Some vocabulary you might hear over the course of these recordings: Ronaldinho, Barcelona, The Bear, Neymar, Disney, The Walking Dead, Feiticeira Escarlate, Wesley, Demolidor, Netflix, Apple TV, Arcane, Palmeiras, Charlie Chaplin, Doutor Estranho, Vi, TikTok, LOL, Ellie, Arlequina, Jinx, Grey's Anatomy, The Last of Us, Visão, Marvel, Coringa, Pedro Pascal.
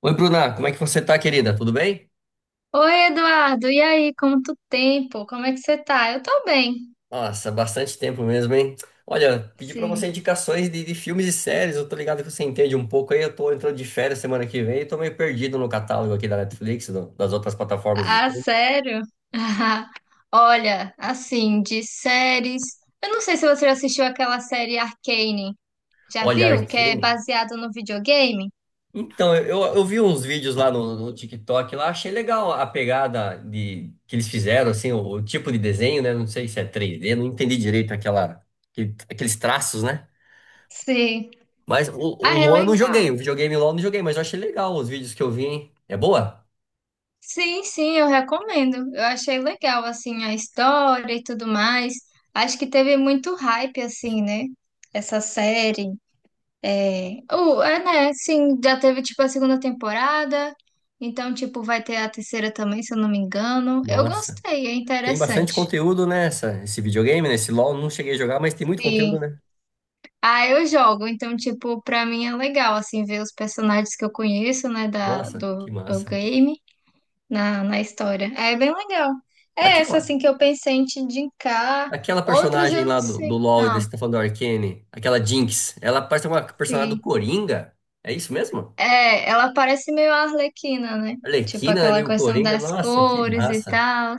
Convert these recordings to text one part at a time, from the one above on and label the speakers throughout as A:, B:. A: Oi, Bruna, como é que você tá, querida? Tudo bem?
B: Oi, Eduardo, e aí, quanto tempo? Como é que você tá? Eu tô bem,
A: Nossa, bastante tempo mesmo, hein? Olha, pedi pra
B: sim.
A: você indicações de filmes e séries, eu tô ligado que você entende um pouco aí, eu tô entrando de férias semana que vem e tô meio perdido no catálogo aqui da Netflix, das outras plataformas de
B: Ah,
A: streaming.
B: sério? Olha, assim, de séries. Eu não sei se você já assistiu aquela série Arcane. Já
A: Olha,
B: viu? Que é
A: Arcane.
B: baseado no videogame?
A: Então, eu vi uns vídeos lá no TikTok lá, achei legal a pegada de que eles fizeram, assim, o tipo de desenho, né? Não sei se é 3D, não entendi direito aqueles traços, né?
B: Sim.
A: Mas o,
B: Ah,
A: o
B: é
A: Luan eu não joguei,
B: legal.
A: o videogame LOL eu não joguei, mas eu achei legal os vídeos que eu vi, hein? É boa?
B: Sim, sim, eu recomendo. Eu achei legal, assim, a história e tudo mais. Acho que teve muito hype, assim, né? Essa série. É, o é, né? Sim, já teve tipo a segunda temporada, então tipo vai ter a terceira também, se eu não me engano. Eu
A: Nossa.
B: gostei, é
A: Tem bastante
B: interessante.
A: conteúdo esse videogame, né? Esse LOL eu não cheguei a jogar, mas tem muito conteúdo,
B: Sim.
A: né?
B: Ah, eu jogo, então tipo pra mim é legal assim ver os personagens que eu conheço, né, da
A: Nossa,
B: do,
A: que
B: do
A: massa.
B: game na, na história. É bem legal. É essa
A: Aquela,
B: assim que eu pensei em te indicar.
A: aquela
B: Outras
A: personagem
B: eu
A: lá
B: não
A: do
B: sei.
A: LoL e
B: Ah,
A: desse tá falando do Arcane, aquela Jinx, ela parece uma personagem do
B: sim.
A: Coringa. É isso mesmo?
B: É, ela parece meio a Arlequina, né? Tipo
A: Arlequina, né?
B: aquela
A: Meio
B: questão
A: Coringa.
B: das
A: Nossa, que
B: cores e
A: massa.
B: tal.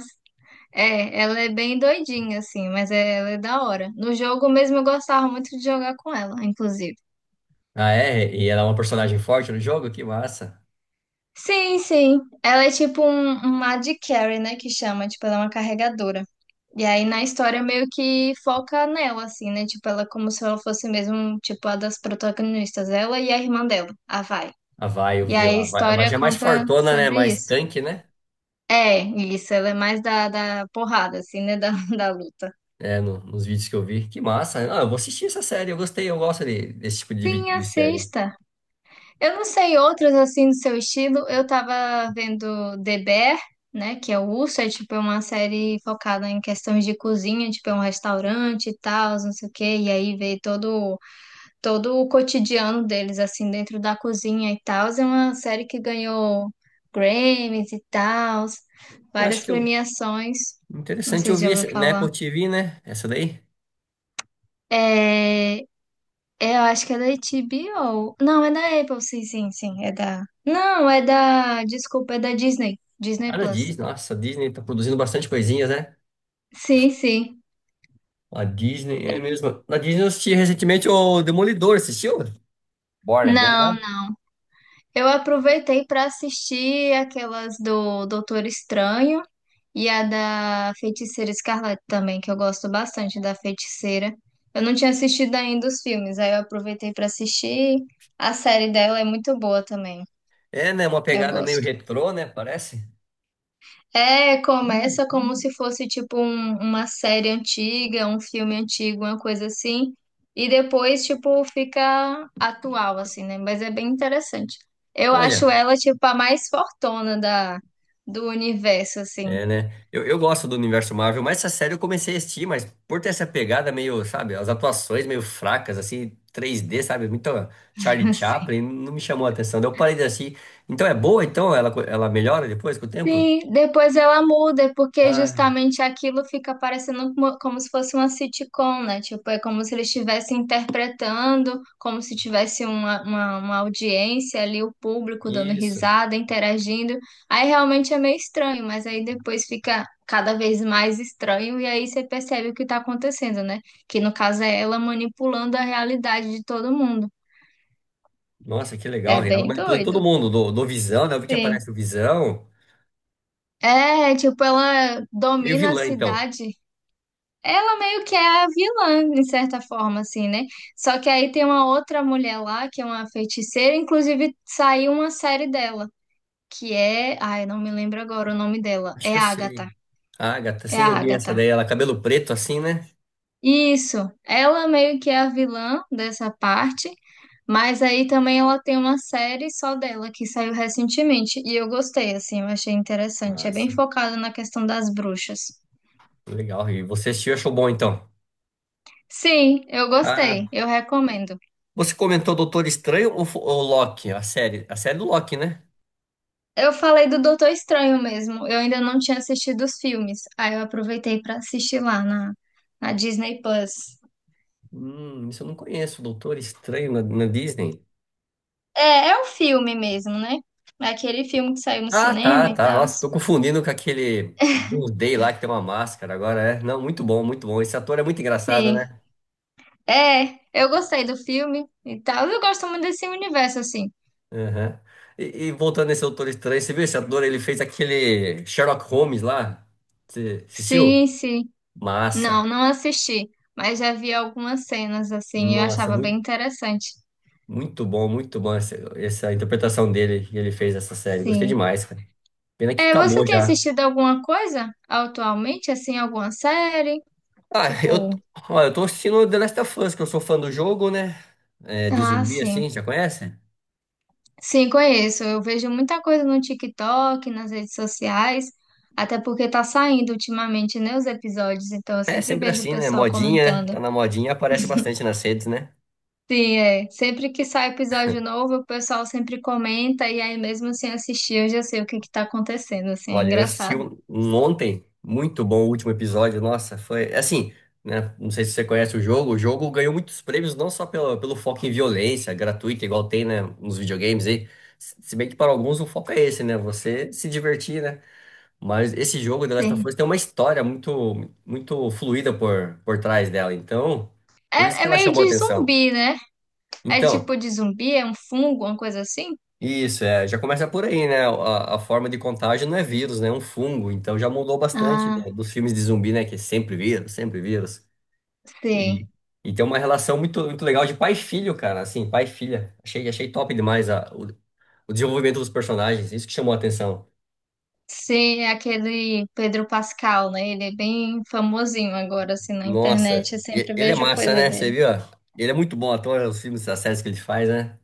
B: É, ela é bem doidinha, assim, mas ela é da hora. No jogo mesmo eu gostava muito de jogar com ela, inclusive.
A: Ah, é? E ela é uma personagem forte no jogo? Que massa.
B: Sim, sim. Ela é tipo uma AD carry, né, que chama, tipo, ela é uma carregadora. E aí na história meio que foca nela, assim, né, tipo, ela é como se ela fosse mesmo, tipo, a das protagonistas, ela e a irmã dela, a Vai.
A: A Vi, eu
B: E
A: vi
B: aí a
A: lá. A Vi
B: história
A: já é mais
B: conta
A: fortona, né?
B: sobre
A: Mais
B: isso.
A: tanque, né?
B: É, isso, ela é mais da porrada, assim, né, da, da luta.
A: É, nos vídeos que eu vi. Que massa. Ah, eu vou assistir essa série. Eu gostei, eu gosto desse tipo de, vi-
B: Sim,
A: de série.
B: assista. Eu não sei outras assim do seu estilo. Eu tava vendo The Bear, né? Que é o Urso, é tipo é uma série focada em questões de cozinha, tipo é um restaurante e tal, não sei o quê. E aí vê todo o cotidiano deles, assim, dentro da cozinha e tal. É uma série que ganhou Grammys e tal,
A: Eu acho
B: várias
A: que eu,
B: premiações. Não
A: Interessante
B: sei
A: eu
B: se já
A: vi
B: ouviu
A: essa, na
B: falar.
A: Apple TV, né? Essa daí.
B: É, é, eu acho que é da HBO. Não, é da Apple, sim, sim, sim. É da. Não, é da. Desculpa, é da Disney. Disney
A: Cara, a
B: Plus.
A: Disney, nossa, a Disney tá produzindo bastante coisinhas, né?
B: Sim, sim.
A: A Disney é mesmo. Na Disney eu assisti recentemente o Demolidor, assistiu? Born Again,
B: Não,
A: né?
B: não. Eu aproveitei para assistir aquelas do Doutor Estranho e a da Feiticeira Escarlate também, que eu gosto bastante da Feiticeira. Eu não tinha assistido ainda os filmes, aí eu aproveitei para assistir. A série dela é muito boa também.
A: É, né? Uma
B: Eu
A: pegada meio
B: gosto.
A: retrô, né? Parece.
B: É, começa como se fosse tipo uma série antiga, um filme antigo, uma coisa assim, e depois tipo fica atual assim, né? Mas é bem interessante. Eu acho
A: Olha,
B: ela tipo a mais fortona da do universo assim.
A: é, né? Eu gosto do universo Marvel, mas essa série eu comecei a assistir, mas por ter essa pegada meio, sabe, as atuações meio fracas, assim, 3D, sabe, muito Charlie Chaplin, não me chamou a atenção. Daí eu parei de assistir. Então é boa, então? Ela melhora depois com o tempo?
B: Sim, depois ela muda, porque
A: Ah,
B: justamente aquilo fica parecendo como, como se fosse uma sitcom, né? Tipo, é como se eles estivessem interpretando, como se tivesse uma audiência ali, o público dando
A: isso.
B: risada, interagindo. Aí realmente é meio estranho, mas aí depois fica cada vez mais estranho, e aí você percebe o que tá acontecendo, né? Que no caso é ela manipulando a realidade de todo mundo.
A: Nossa, que
B: É
A: legal. E ela
B: bem
A: manipulando
B: doido.
A: todo mundo, do Visão, né? Eu vi que
B: Sim.
A: aparece o Visão.
B: É, tipo, ela
A: Meio
B: domina a
A: vilã, então.
B: cidade. Ela meio que é a vilã, de certa forma, assim, né? Só que aí tem uma outra mulher lá, que é uma feiticeira, inclusive saiu uma série dela, que é. Ai, não me lembro agora o nome dela.
A: Acho que
B: É
A: eu sei.
B: Agatha.
A: Ah, gata,
B: É
A: sim,
B: a
A: eu vi essa
B: Agatha.
A: daí, ela cabelo preto assim, né?
B: Isso. Ela meio que é a vilã dessa parte, mas aí também ela tem uma série só dela, que saiu recentemente. E eu gostei, assim, eu achei interessante. É bem
A: Massa,
B: focado na questão das bruxas.
A: legal. E você assistiu, e achou bom, então?
B: Sim, eu gostei.
A: Ah.
B: Eu recomendo.
A: Você comentou Doutor Estranho ou Loki? A série do Loki, né?
B: Eu falei do Doutor Estranho mesmo. Eu ainda não tinha assistido os filmes. Aí eu aproveitei pra assistir lá na, na Disney Plus.
A: Isso eu não conheço, Doutor Estranho na Disney.
B: É, é um filme mesmo, né? É aquele filme que saiu no
A: Ah, tá,
B: cinema e
A: tá.
B: tal.
A: Nossa, tô confundindo com aquele Blue Day lá que tem uma máscara agora, é. Não, muito bom, muito bom. Esse ator é muito engraçado,
B: Sim.
A: né?
B: É, eu gostei do filme e tal. Eu gosto muito desse universo, assim.
A: Aham. E voltando nesse Doutor Estranho, você viu esse ator? Ele fez aquele Sherlock Holmes lá. Você assistiu?
B: Sim, sim.
A: Massa.
B: Não, não assisti. Mas já vi algumas cenas, assim. Eu
A: Nossa,
B: achava bem
A: muito,
B: interessante.
A: muito bom essa interpretação dele que ele fez essa série. Gostei
B: Sim.
A: demais, cara. Pena que
B: É, você
A: acabou
B: tem
A: já.
B: assistido alguma coisa atualmente, assim, alguma série?
A: Ah,
B: Tipo.
A: ó, eu tô assistindo The Last of Us, que eu sou fã do jogo, né? É, de
B: Ah,
A: zumbi
B: sim.
A: assim, já conhece?
B: Sim, conheço. Eu vejo muita coisa no TikTok, nas redes sociais, até porque tá saindo ultimamente, né, os episódios, então eu
A: É
B: sempre
A: sempre
B: vejo o
A: assim, né?
B: pessoal
A: Modinha, né?
B: comentando.
A: Tá na modinha, aparece bastante nas redes, né?
B: Sim, é. Sempre que sai episódio novo, o pessoal sempre comenta e aí mesmo sem assistir, eu já sei o que que tá acontecendo, assim, é
A: Olha, eu assisti
B: engraçado.
A: um ontem, muito bom o último episódio, nossa, foi assim, né? Não sei se você conhece o jogo ganhou muitos prêmios, não só pelo foco em violência gratuita, igual tem, né, nos videogames aí. Se bem que para alguns o foco é esse, né? Você se divertir, né? Mas esse jogo, The Last of
B: Sim.
A: Us, tem uma história muito, muito fluida por trás dela. Então, por isso
B: É,
A: que
B: é
A: ela
B: meio
A: chamou a
B: de
A: atenção.
B: zumbi, né? É
A: Então,
B: tipo de zumbi, é um fungo, uma coisa assim?
A: isso, é, já começa por aí, né? A forma de contágio não é vírus, né? É um fungo. Então, já mudou bastante
B: Ah,
A: dos filmes de zumbi, né? Que é sempre vírus, sempre vírus.
B: sim.
A: E, e tem uma relação muito, muito legal de pai e filho, cara. Assim, pai e filha. Achei top demais o desenvolvimento dos personagens. Isso que chamou a atenção.
B: Sim, é aquele Pedro Pascal, né? Ele é bem famosinho agora, assim, na
A: Nossa,
B: internet. Eu sempre
A: ele é
B: vejo
A: massa,
B: coisa
A: né? Você
B: dele.
A: viu? Ele é muito bom ator, os filmes, as séries que ele faz, né?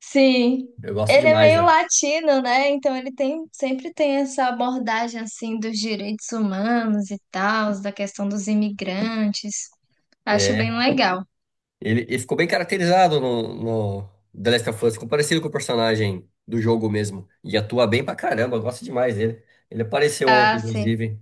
B: Sim,
A: Eu gosto
B: ele é
A: demais,
B: meio
A: né?
B: latino, né? Então ele tem, sempre tem essa abordagem, assim, dos direitos humanos e tal, da questão dos imigrantes. Acho bem
A: É.
B: legal.
A: Ele ficou bem caracterizado no The Last of Us, ficou parecido com o personagem do jogo mesmo. E atua bem pra caramba, eu gosto demais dele. Ele apareceu
B: Ah,
A: ontem,
B: sim.
A: inclusive,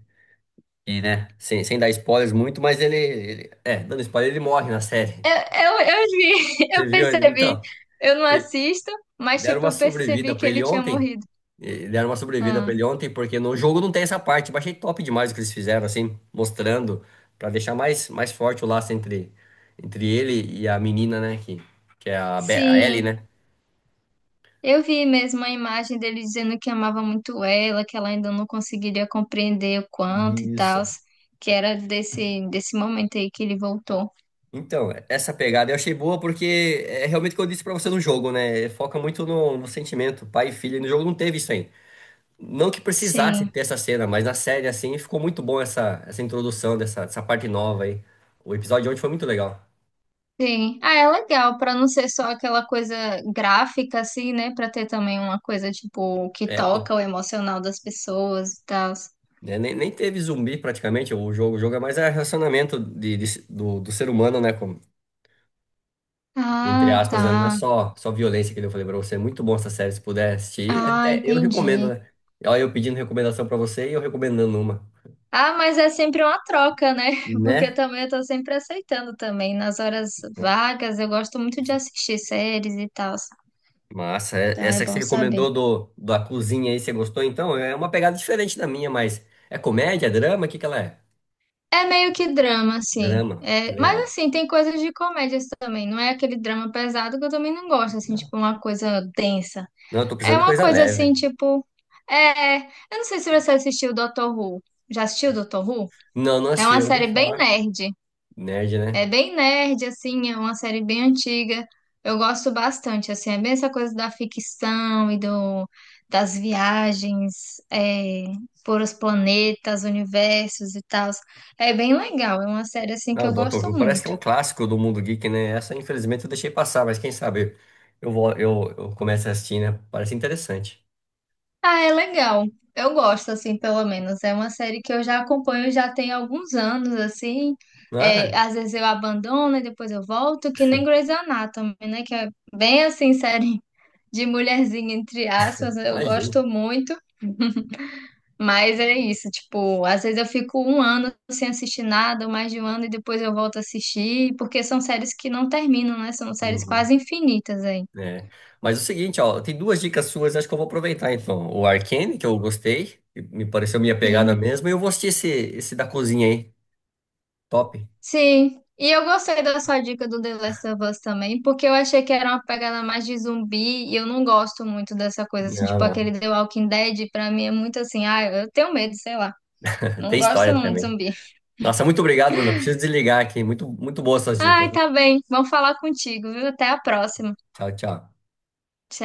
A: e, né? Sem dar spoilers muito, mas é, dando spoiler, ele morre na série.
B: Eu vi,
A: Você
B: eu
A: viu ele?
B: percebi.
A: Então.
B: Eu não assisto, mas,
A: Deram
B: tipo,
A: uma
B: eu
A: sobrevida
B: percebi que
A: pra ele
B: ele tinha
A: ontem.
B: morrido.
A: Deram uma sobrevida pra
B: Ah,
A: ele ontem, porque no jogo não tem essa parte. Eu achei top demais o que eles fizeram, assim, mostrando, pra deixar mais forte o laço entre ele e a menina, né? Que é a Ellie,
B: sim.
A: né?
B: Eu vi mesmo a imagem dele dizendo que amava muito ela, que ela ainda não conseguiria compreender o quanto e tal,
A: Isso.
B: que era desse momento aí que ele voltou.
A: Então, essa pegada eu achei boa porque é realmente o que eu disse pra você no jogo, né? Foca muito no sentimento, pai e filha. E no jogo não teve isso aí. Não que precisasse
B: Sim,
A: ter essa cena, mas na série, assim, ficou muito bom essa introdução dessa parte nova aí. O episódio de ontem foi muito legal.
B: sim. Ah, é legal, pra não ser só aquela coisa gráfica assim, né? Pra ter também uma coisa tipo que
A: É, pô.
B: toca o emocional das pessoas e tal.
A: Né, nem teve zumbi praticamente o jogo. O jogo é mais é relacionamento do ser humano, né? Entre
B: Ah,
A: aspas,
B: tá.
A: né? Não é só, violência que eu falei pra você. É muito bom essa série, se puder assistir.
B: Ah,
A: Até eu recomendo,
B: entendi.
A: né? Olha, eu pedindo recomendação pra você e eu recomendando uma,
B: Ah, mas é sempre uma troca, né? Porque eu
A: né?
B: também eu tô sempre aceitando também. Nas horas vagas, eu gosto muito de assistir séries e tal.
A: Massa,
B: Então é
A: essa que você
B: bom saber.
A: recomendou da cozinha aí, você gostou? Então, é uma pegada diferente da minha, mas é comédia, é drama? O que que ela é?
B: É meio que drama, assim.
A: Drama,
B: É, mas
A: legal.
B: assim, tem coisas de comédias também. Não é aquele drama pesado que eu também não gosto, assim,
A: Legal.
B: tipo uma coisa densa.
A: Não, eu tô
B: É
A: precisando de
B: uma
A: coisa
B: coisa assim,
A: leve.
B: tipo. É. Eu não sei se você assistiu Doctor Who. Já assistiu Doctor Who?
A: Não, não
B: É
A: achei,
B: uma
A: eu ouvi
B: série bem
A: falar.
B: nerd.
A: Nerd,
B: É
A: né?
B: bem nerd, assim, é uma série bem antiga. Eu gosto bastante, assim, é bem essa coisa da ficção e do, das viagens por os planetas, universos e tal. É bem legal, é uma série, assim, que
A: Não,
B: eu
A: Doctor
B: gosto
A: Who parece que é
B: muito.
A: um clássico do mundo geek, né? Essa, infelizmente, eu deixei passar, mas quem sabe eu começo a assistir, né? Parece interessante.
B: Ah, é legal. Eu gosto, assim, pelo menos. É uma série que eu já acompanho já tem alguns anos, assim. É,
A: Ah,
B: às vezes eu abandono e depois eu volto, que nem Grey's Anatomy, né? Que é bem, assim, série de mulherzinha, entre aspas, eu
A: imagina.
B: gosto muito, mas é isso, tipo, às vezes eu fico um ano sem assistir nada, ou mais de um ano, e depois eu volto a assistir, porque são séries que não terminam, né? São séries
A: Uhum,
B: quase infinitas aí.
A: é. Mas é o seguinte, ó, tem duas dicas suas, acho que eu vou aproveitar então. O Arcane, que eu gostei, que me pareceu minha pegada
B: Sim.
A: mesmo, e eu vou assistir esse, da cozinha aí. Top.
B: Sim. E eu gostei da sua dica do The Last of Us também, porque eu achei que era uma pegada mais de zumbi, e eu não gosto muito dessa coisa, assim,
A: Não,
B: tipo, aquele
A: não.
B: The Walking Dead, pra mim é muito assim, ah, eu tenho medo, sei lá.
A: Tem
B: Não gosto
A: história
B: não de
A: também.
B: zumbi.
A: Nossa, muito obrigado, Bruno. Preciso desligar aqui. Muito, muito boas suas dicas,
B: Ai,
A: hein?
B: tá bem. Vamos falar contigo, viu? Até a próxima.
A: Tchau, tchau.
B: Tchau.